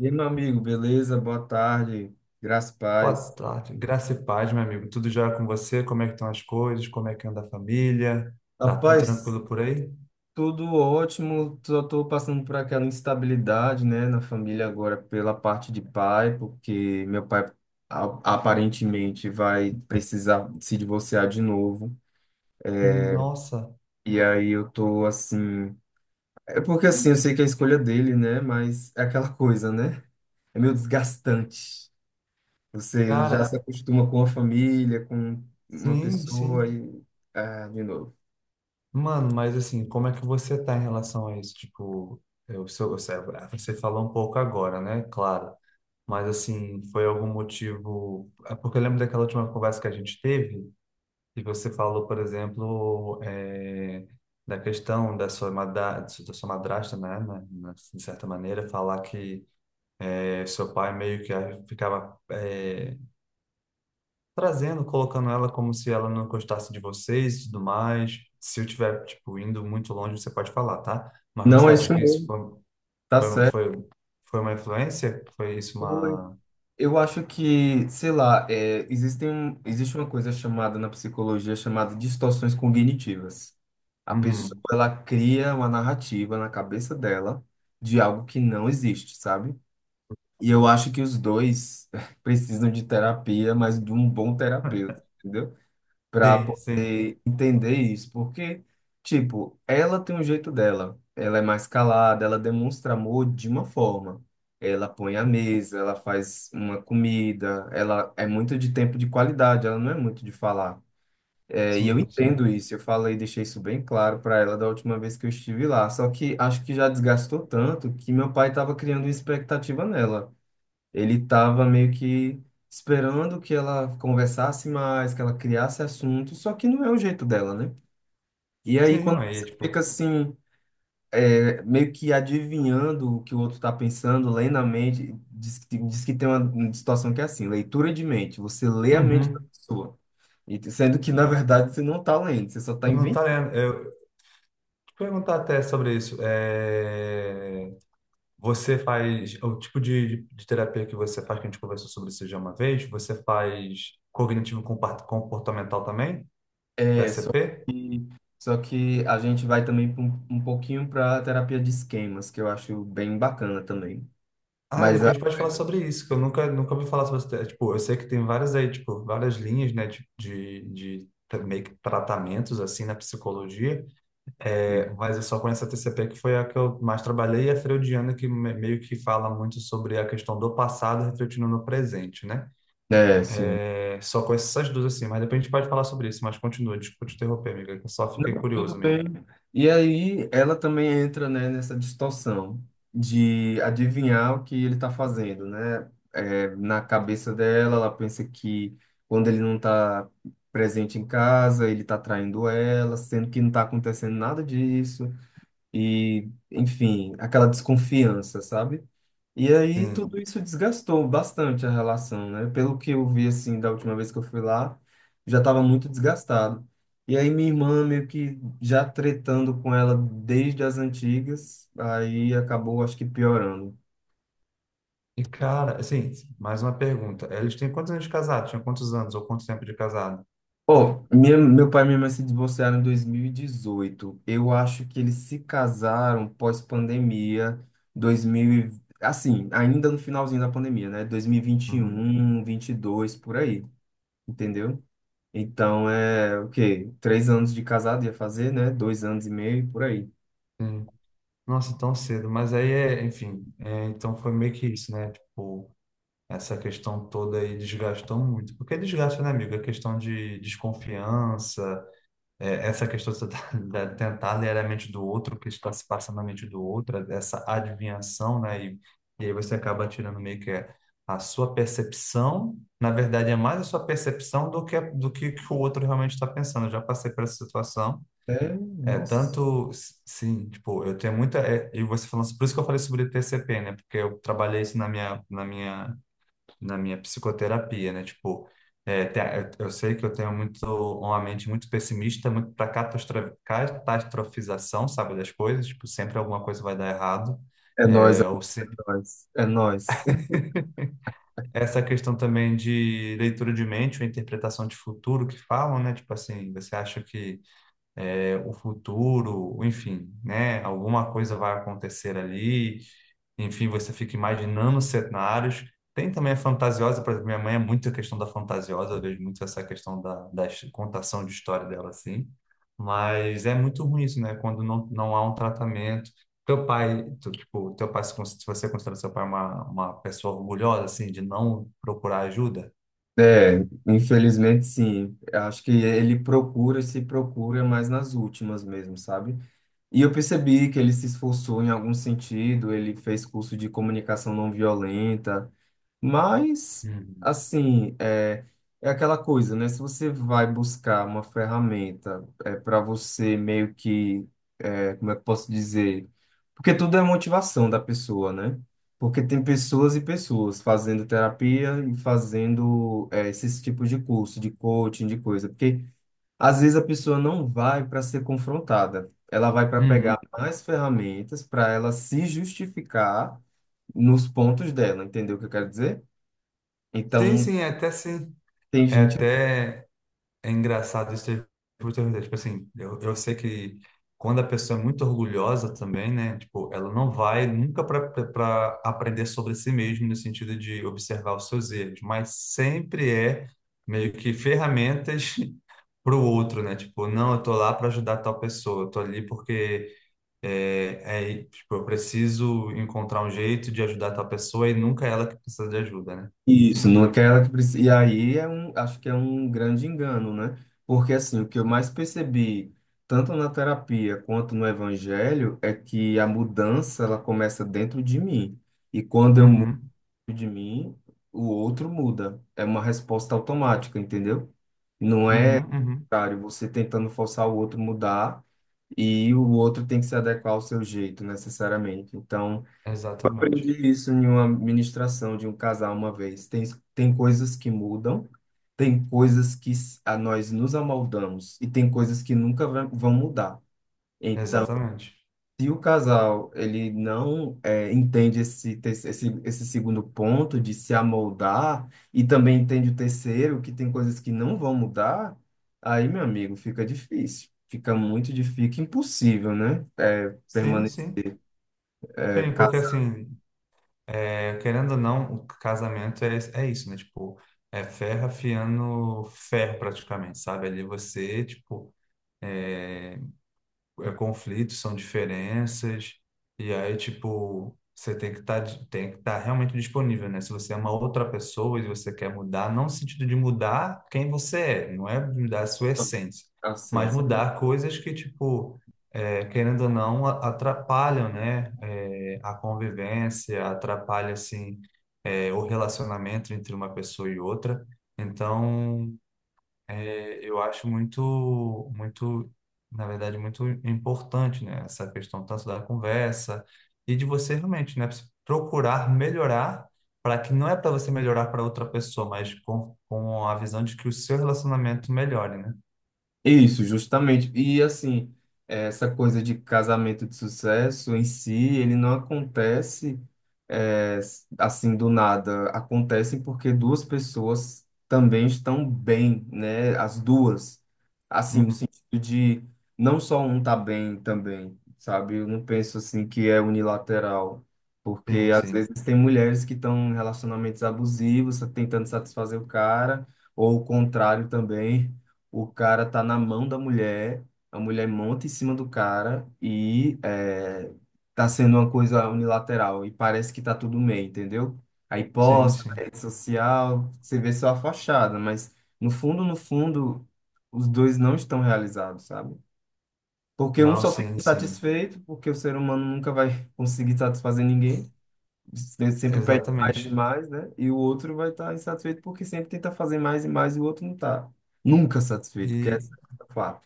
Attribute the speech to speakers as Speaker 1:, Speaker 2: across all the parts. Speaker 1: E aí, meu amigo, beleza? Boa tarde, graças e
Speaker 2: Boa
Speaker 1: paz.
Speaker 2: tarde, graça e paz, meu amigo. Tudo jóia com você? Como é que estão as coisas? Como é que anda a família? Tá tudo
Speaker 1: Rapaz,
Speaker 2: tranquilo por aí?
Speaker 1: tudo ótimo, só estou passando por aquela instabilidade, né, na família agora pela parte de pai, porque meu pai aparentemente vai precisar se divorciar de novo.
Speaker 2: Nossa,
Speaker 1: E aí eu tô assim, é porque assim, eu sei que é a escolha dele, né, mas é aquela coisa, né? É meio desgastante. Você já se
Speaker 2: cara,
Speaker 1: acostuma com a família, com uma
Speaker 2: sim,
Speaker 1: pessoa
Speaker 2: sim.
Speaker 1: e ah, de novo.
Speaker 2: Mano, mas assim, como é que você tá em relação a isso? Tipo, eu, seu, você você falou um pouco agora, né? Claro. Mas assim, foi algum motivo? É porque eu lembro daquela última conversa que a gente teve. E você falou, por exemplo, da questão da sua, madra, da sua madrasta, de certa maneira, falar que seu pai meio que ficava trazendo, colocando ela como se ela não gostasse de vocês e tudo mais. Se eu tiver, tipo, indo muito longe, você pode falar, tá? Mas
Speaker 1: Não,
Speaker 2: você
Speaker 1: é
Speaker 2: acha
Speaker 1: isso
Speaker 2: que isso
Speaker 1: mesmo,
Speaker 2: foi,
Speaker 1: tá
Speaker 2: foi,
Speaker 1: certo.
Speaker 2: foi, foi uma influência? Foi isso
Speaker 1: Oi.
Speaker 2: uma...
Speaker 1: Eu acho que, sei lá, é, existem, existe uma coisa chamada na psicologia chamada distorções cognitivas. A pessoa,
Speaker 2: Uhum.
Speaker 1: ela cria uma narrativa na cabeça dela de algo que não existe, sabe? E eu acho que os dois precisam de terapia, mas de um bom terapeuta, entendeu? Para
Speaker 2: Sim, sim,
Speaker 1: poder entender isso, porque, tipo, ela tem um jeito dela, ela é mais calada, ela demonstra amor de uma forma. Ela põe a mesa, ela faz uma comida, ela é muito de tempo de qualidade, ela não é muito de falar. É, e eu
Speaker 2: sim,
Speaker 1: entendo
Speaker 2: sim.
Speaker 1: isso, eu falei, deixei isso bem claro para ela da última vez que eu estive lá. Só que acho que já desgastou tanto que meu pai estava criando uma expectativa nela. Ele estava meio que esperando que ela conversasse mais, que ela criasse assunto, só que não é o jeito dela, né? E aí,
Speaker 2: Sim,
Speaker 1: quando
Speaker 2: mas, é,
Speaker 1: você
Speaker 2: tipo...
Speaker 1: fica assim, é, meio que adivinhando o que o outro está pensando, lendo a mente, diz que tem uma situação que é assim, leitura de mente, você lê a mente da
Speaker 2: Uhum.
Speaker 1: pessoa, e, sendo que, na verdade, você não está lendo, você só está
Speaker 2: Eu não tá
Speaker 1: inventando.
Speaker 2: lendo. Perguntar até sobre isso. É, você faz o tipo de terapia que você faz, que a gente conversou sobre isso já uma vez, você faz cognitivo comportamental também,
Speaker 1: É,
Speaker 2: TCP?
Speaker 1: que, só que a gente vai também pra um pouquinho para a terapia de esquemas, que eu acho bem bacana também.
Speaker 2: Ah, de
Speaker 1: Mas a-
Speaker 2: repente pode falar sobre isso, que eu nunca ouvi falar sobre isso. É, tipo, eu sei que tem várias aí, tipo, várias linhas, né, de, meio que tratamentos, assim, na psicologia. É, mas eu só conheço a TCP, que foi a que eu mais trabalhei, e a freudiana, que meio que fala muito sobre a questão do passado refletindo no presente, né?
Speaker 1: É, sim.
Speaker 2: É, só conheço essas duas, assim, mas depois a gente pode falar sobre isso, mas continua, desculpa te interromper, amiga, que eu só fiquei
Speaker 1: Não, tudo
Speaker 2: curioso
Speaker 1: bem.
Speaker 2: mesmo.
Speaker 1: E aí ela também entra, né, nessa distorção de adivinhar o que ele está fazendo, né? É, na cabeça dela, ela pensa que quando ele não está presente em casa, ele está traindo ela, sendo que não está acontecendo nada disso. E, enfim, aquela desconfiança, sabe? E aí tudo
Speaker 2: Sim.
Speaker 1: isso desgastou bastante a relação, né? Pelo que eu vi assim da última vez que eu fui lá, já estava muito desgastado. E aí minha irmã meio que já tretando com ela desde as antigas, aí acabou acho que piorando.
Speaker 2: E, cara, assim, mais uma pergunta. Eles têm quantos anos de casado? Tinha quantos anos ou quanto tempo de casado?
Speaker 1: Ó, meu pai e minha mãe se divorciaram em 2018. Eu acho que eles se casaram pós-pandemia, 2000, assim, ainda no finalzinho da pandemia, né? Dois mil e vinte, vinte
Speaker 2: Uhum.
Speaker 1: um vinte e dois por aí, entendeu? Então é o quê? 3 anos de casado ia fazer, né? 2 anos e meio, por aí.
Speaker 2: Sim. Nossa, tão cedo. Mas aí, é, enfim, é, então foi meio que isso, né? Tipo, essa questão toda aí desgastou muito. Porque desgasta, né, amigo? A questão de desconfiança, é, essa questão da você tentar ler a mente do outro, o que está se passando na mente do outro, essa adivinhação, né? E aí você acaba tirando meio que é a sua percepção, na verdade é mais a sua percepção do que que o outro realmente está pensando. Eu já passei por essa situação.
Speaker 1: É,
Speaker 2: É
Speaker 1: nossa.
Speaker 2: tanto, sim, tipo, eu tenho muita é, e você falando, por isso que eu falei sobre TCP, né? Porque eu trabalhei isso na minha na minha psicoterapia, né? Tipo, é, eu sei que eu tenho muito uma mente muito pessimista, muito para catastrofização, sabe, das coisas. Tipo, sempre alguma coisa vai dar errado.
Speaker 1: É nóis,
Speaker 2: É, ou
Speaker 1: amigo,
Speaker 2: se,
Speaker 1: é nóis. É nóis.
Speaker 2: essa questão também de leitura de mente, ou interpretação de futuro que falam, né? Tipo assim, você acha que o futuro, enfim, né? Alguma coisa vai acontecer ali, enfim, você fica imaginando cenários. Tem também a fantasiosa, por exemplo, minha mãe é muito a questão da fantasiosa, eu vejo muito essa questão da, da contação de história dela, assim. Mas é muito ruim isso, né? Quando não, não há um tratamento. Teu pai, tu, tipo, teu pai, se se você considera seu pai uma pessoa orgulhosa, assim, de não procurar ajuda?
Speaker 1: É, infelizmente sim. Eu acho que ele procura e se procura mais nas últimas mesmo, sabe? E eu percebi que ele se esforçou em algum sentido, ele fez curso de comunicação não violenta. Mas,
Speaker 2: Uhum.
Speaker 1: assim, é, é aquela coisa, né? Se você vai buscar uma ferramenta é, para você meio que, é, como é que eu posso dizer? Porque tudo é motivação da pessoa, né? Porque tem pessoas e pessoas fazendo terapia e fazendo é, esses tipos de curso, de coaching, de coisa. Porque às vezes a pessoa não vai para ser confrontada, ela vai para
Speaker 2: Uhum.
Speaker 1: pegar mais ferramentas para ela se justificar nos pontos dela, entendeu o que eu quero dizer?
Speaker 2: Sim,
Speaker 1: Então,
Speaker 2: sim.
Speaker 1: tem
Speaker 2: É
Speaker 1: gente
Speaker 2: até é engraçado isso ter oportunidade. Tipo assim, eu sei que quando a pessoa é muito orgulhosa também, né? Tipo, ela não vai nunca para aprender sobre si mesma no sentido de observar os seus erros, mas sempre é meio que ferramentas para o outro, né? Tipo, não, eu tô lá para ajudar tal pessoa, eu tô ali porque é, é, tipo, eu preciso encontrar um jeito de ajudar tal pessoa e nunca é ela que precisa de ajuda, né?
Speaker 1: isso, não quer ela que precisa. E aí é um, acho que é um grande engano, né? Porque assim, o que eu mais percebi, tanto na terapia quanto no evangelho, é que a mudança ela começa dentro de mim. E quando eu mudo
Speaker 2: Uhum,
Speaker 1: de mim, o outro muda. É uma resposta automática, entendeu? Não é,
Speaker 2: uhum.
Speaker 1: cara, você tentando forçar o outro mudar e o outro tem que se adequar ao seu jeito, necessariamente. Então,
Speaker 2: Exatamente.
Speaker 1: aprendi isso em uma ministração de um casal uma vez. Tem coisas que mudam, tem coisas que a nós nos amoldamos e tem coisas que nunca vão mudar. Então,
Speaker 2: Exatamente.
Speaker 1: se o casal ele não eh, entende esse, esse, esse segundo ponto de se amoldar e também entende o terceiro, que tem coisas que não vão mudar, aí, meu amigo, fica difícil. Fica muito difícil, fica impossível, né? Eh,
Speaker 2: Sim, sim.
Speaker 1: permanecer
Speaker 2: Sim, porque assim, é, querendo ou não, o casamento é, é isso, né? Tipo, é ferro afiando ferro praticamente, sabe? Ali você, tipo, é, conflitos, são diferenças, e aí, tipo, você tem que estar realmente disponível, né? Se você é uma outra pessoa e você quer mudar, não no sentido de mudar quem você é, não é mudar a sua essência, mas
Speaker 1: casado.
Speaker 2: mudar coisas que, tipo, é, querendo ou não, atrapalham, né? É, a convivência, atrapalha, assim, é, o relacionamento entre uma pessoa e outra. Então, é, eu acho muito, na verdade, muito importante, né? Essa questão tanto da conversa e de você realmente, né? Procurar melhorar para que não é para você melhorar para outra pessoa, mas com a visão de que o seu relacionamento melhore, né?
Speaker 1: Isso, justamente. E assim, essa coisa de casamento de sucesso em si, ele não acontece eh, assim do nada. Acontece porque duas pessoas também estão bem, né? As duas. Assim, no
Speaker 2: Uhum.
Speaker 1: sentido de não só um tá bem também, sabe? Eu não penso assim que é unilateral. Porque
Speaker 2: Sim,
Speaker 1: às
Speaker 2: sim.
Speaker 1: vezes tem mulheres que estão em relacionamentos abusivos, tá tentando satisfazer o cara, ou o contrário também. O cara tá na mão da mulher, a mulher monta em cima do cara e é, tá sendo uma coisa unilateral e parece que tá tudo bem, entendeu? Aí
Speaker 2: Sim,
Speaker 1: posta na
Speaker 2: sim.
Speaker 1: rede social, você vê só a fachada, mas no fundo, no fundo, os dois não estão realizados, sabe? Porque um
Speaker 2: Não,
Speaker 1: só fica
Speaker 2: sim, sim.
Speaker 1: insatisfeito, porque o ser humano nunca vai conseguir satisfazer ninguém, você sempre pede mais e
Speaker 2: Exatamente.
Speaker 1: mais, né? E o outro vai estar insatisfeito porque sempre tenta fazer mais e mais e o outro não está nunca satisfeito, que
Speaker 2: E
Speaker 1: esse é o fato.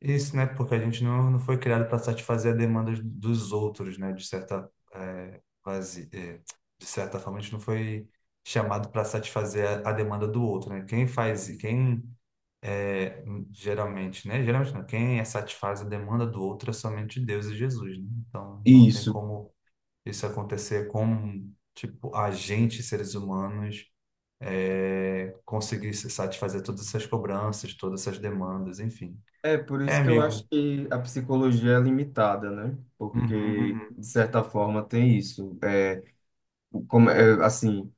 Speaker 2: isso, né? Porque a gente não, não foi criado para satisfazer a demanda dos outros, né? De certa, é, quase, é, de certa forma, a gente não foi chamado para satisfazer a demanda do outro, né? Quem faz, quem é, geralmente, né? Geralmente não, quem é satisfaz a demanda do outro é somente Deus e Jesus, né? Então, não tem
Speaker 1: Isso.
Speaker 2: como isso acontecer com, tipo, a gente, seres humanos, é, conseguir se satisfazer todas essas cobranças, todas essas demandas, enfim.
Speaker 1: É por
Speaker 2: É,
Speaker 1: isso que eu acho
Speaker 2: amigo.
Speaker 1: que a psicologia é limitada, né?
Speaker 2: Uhum,
Speaker 1: Porque,
Speaker 2: uhum.
Speaker 1: de certa forma, tem isso. É, como, é, assim,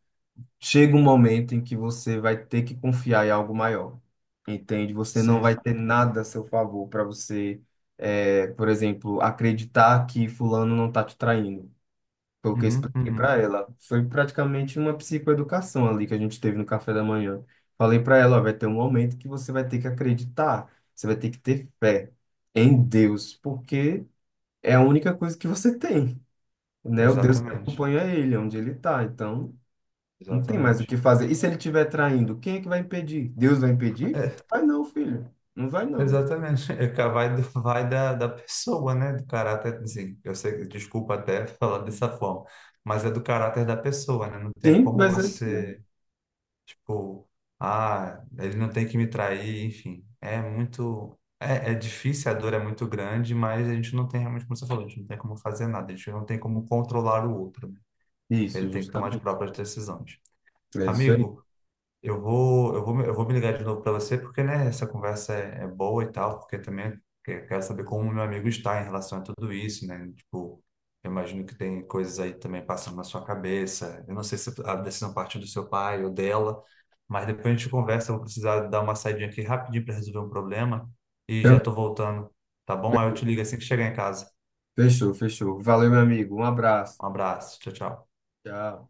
Speaker 1: chega um momento em que você vai ter que confiar em algo maior, entende? Você não
Speaker 2: Sim.
Speaker 1: vai ter
Speaker 2: Sim.
Speaker 1: nada a seu favor para você, é, por exemplo, acreditar que fulano não está te traindo. Foi o que eu
Speaker 2: Uhum,
Speaker 1: expliquei
Speaker 2: uhum.
Speaker 1: para ela. Foi praticamente uma psicoeducação ali que a gente teve no café da manhã. Falei para ela, ó, vai ter um momento que você vai ter que acreditar, você vai ter que ter fé em Deus, porque é a única coisa que você tem, né? O Deus que
Speaker 2: Exatamente.
Speaker 1: acompanha ele, onde ele tá. Então, não tem mais o
Speaker 2: Exatamente.
Speaker 1: que fazer. E se ele estiver traindo, quem é que vai impedir? Deus vai impedir?
Speaker 2: É,
Speaker 1: Vai não, filho. Não vai não.
Speaker 2: exatamente. É que vai, vai da, da pessoa, né? Do caráter, assim, eu sei, desculpa até falar dessa forma, mas é do caráter da pessoa, né? Não tem
Speaker 1: Sim,
Speaker 2: como
Speaker 1: mas é isso mesmo.
Speaker 2: você, tipo, ah, ele não tem que me trair, enfim. É muito, é, é difícil, a dor é muito grande, mas a gente não tem realmente, como você falou, a gente não tem como fazer nada, a gente não tem como controlar o outro, né? Ele
Speaker 1: Isso,
Speaker 2: tem que tomar as
Speaker 1: justamente.
Speaker 2: próprias decisões.
Speaker 1: É isso aí.
Speaker 2: Amigo, eu vou me ligar de novo para você, porque, né, essa conversa é, é boa e tal, porque também quero saber como o meu amigo está em relação a tudo isso, né? Tipo, eu imagino que tem coisas aí também passando na sua cabeça. Eu não sei se a decisão partiu do seu pai ou dela, mas depois a gente conversa. Eu vou precisar dar uma saidinha aqui rapidinho para resolver um problema e já
Speaker 1: Então,
Speaker 2: tô voltando, tá bom? Aí eu te ligo assim que chegar em casa.
Speaker 1: fechou, fechou. Valeu, meu amigo. Um abraço.
Speaker 2: Um abraço, tchau, tchau.
Speaker 1: Tchau.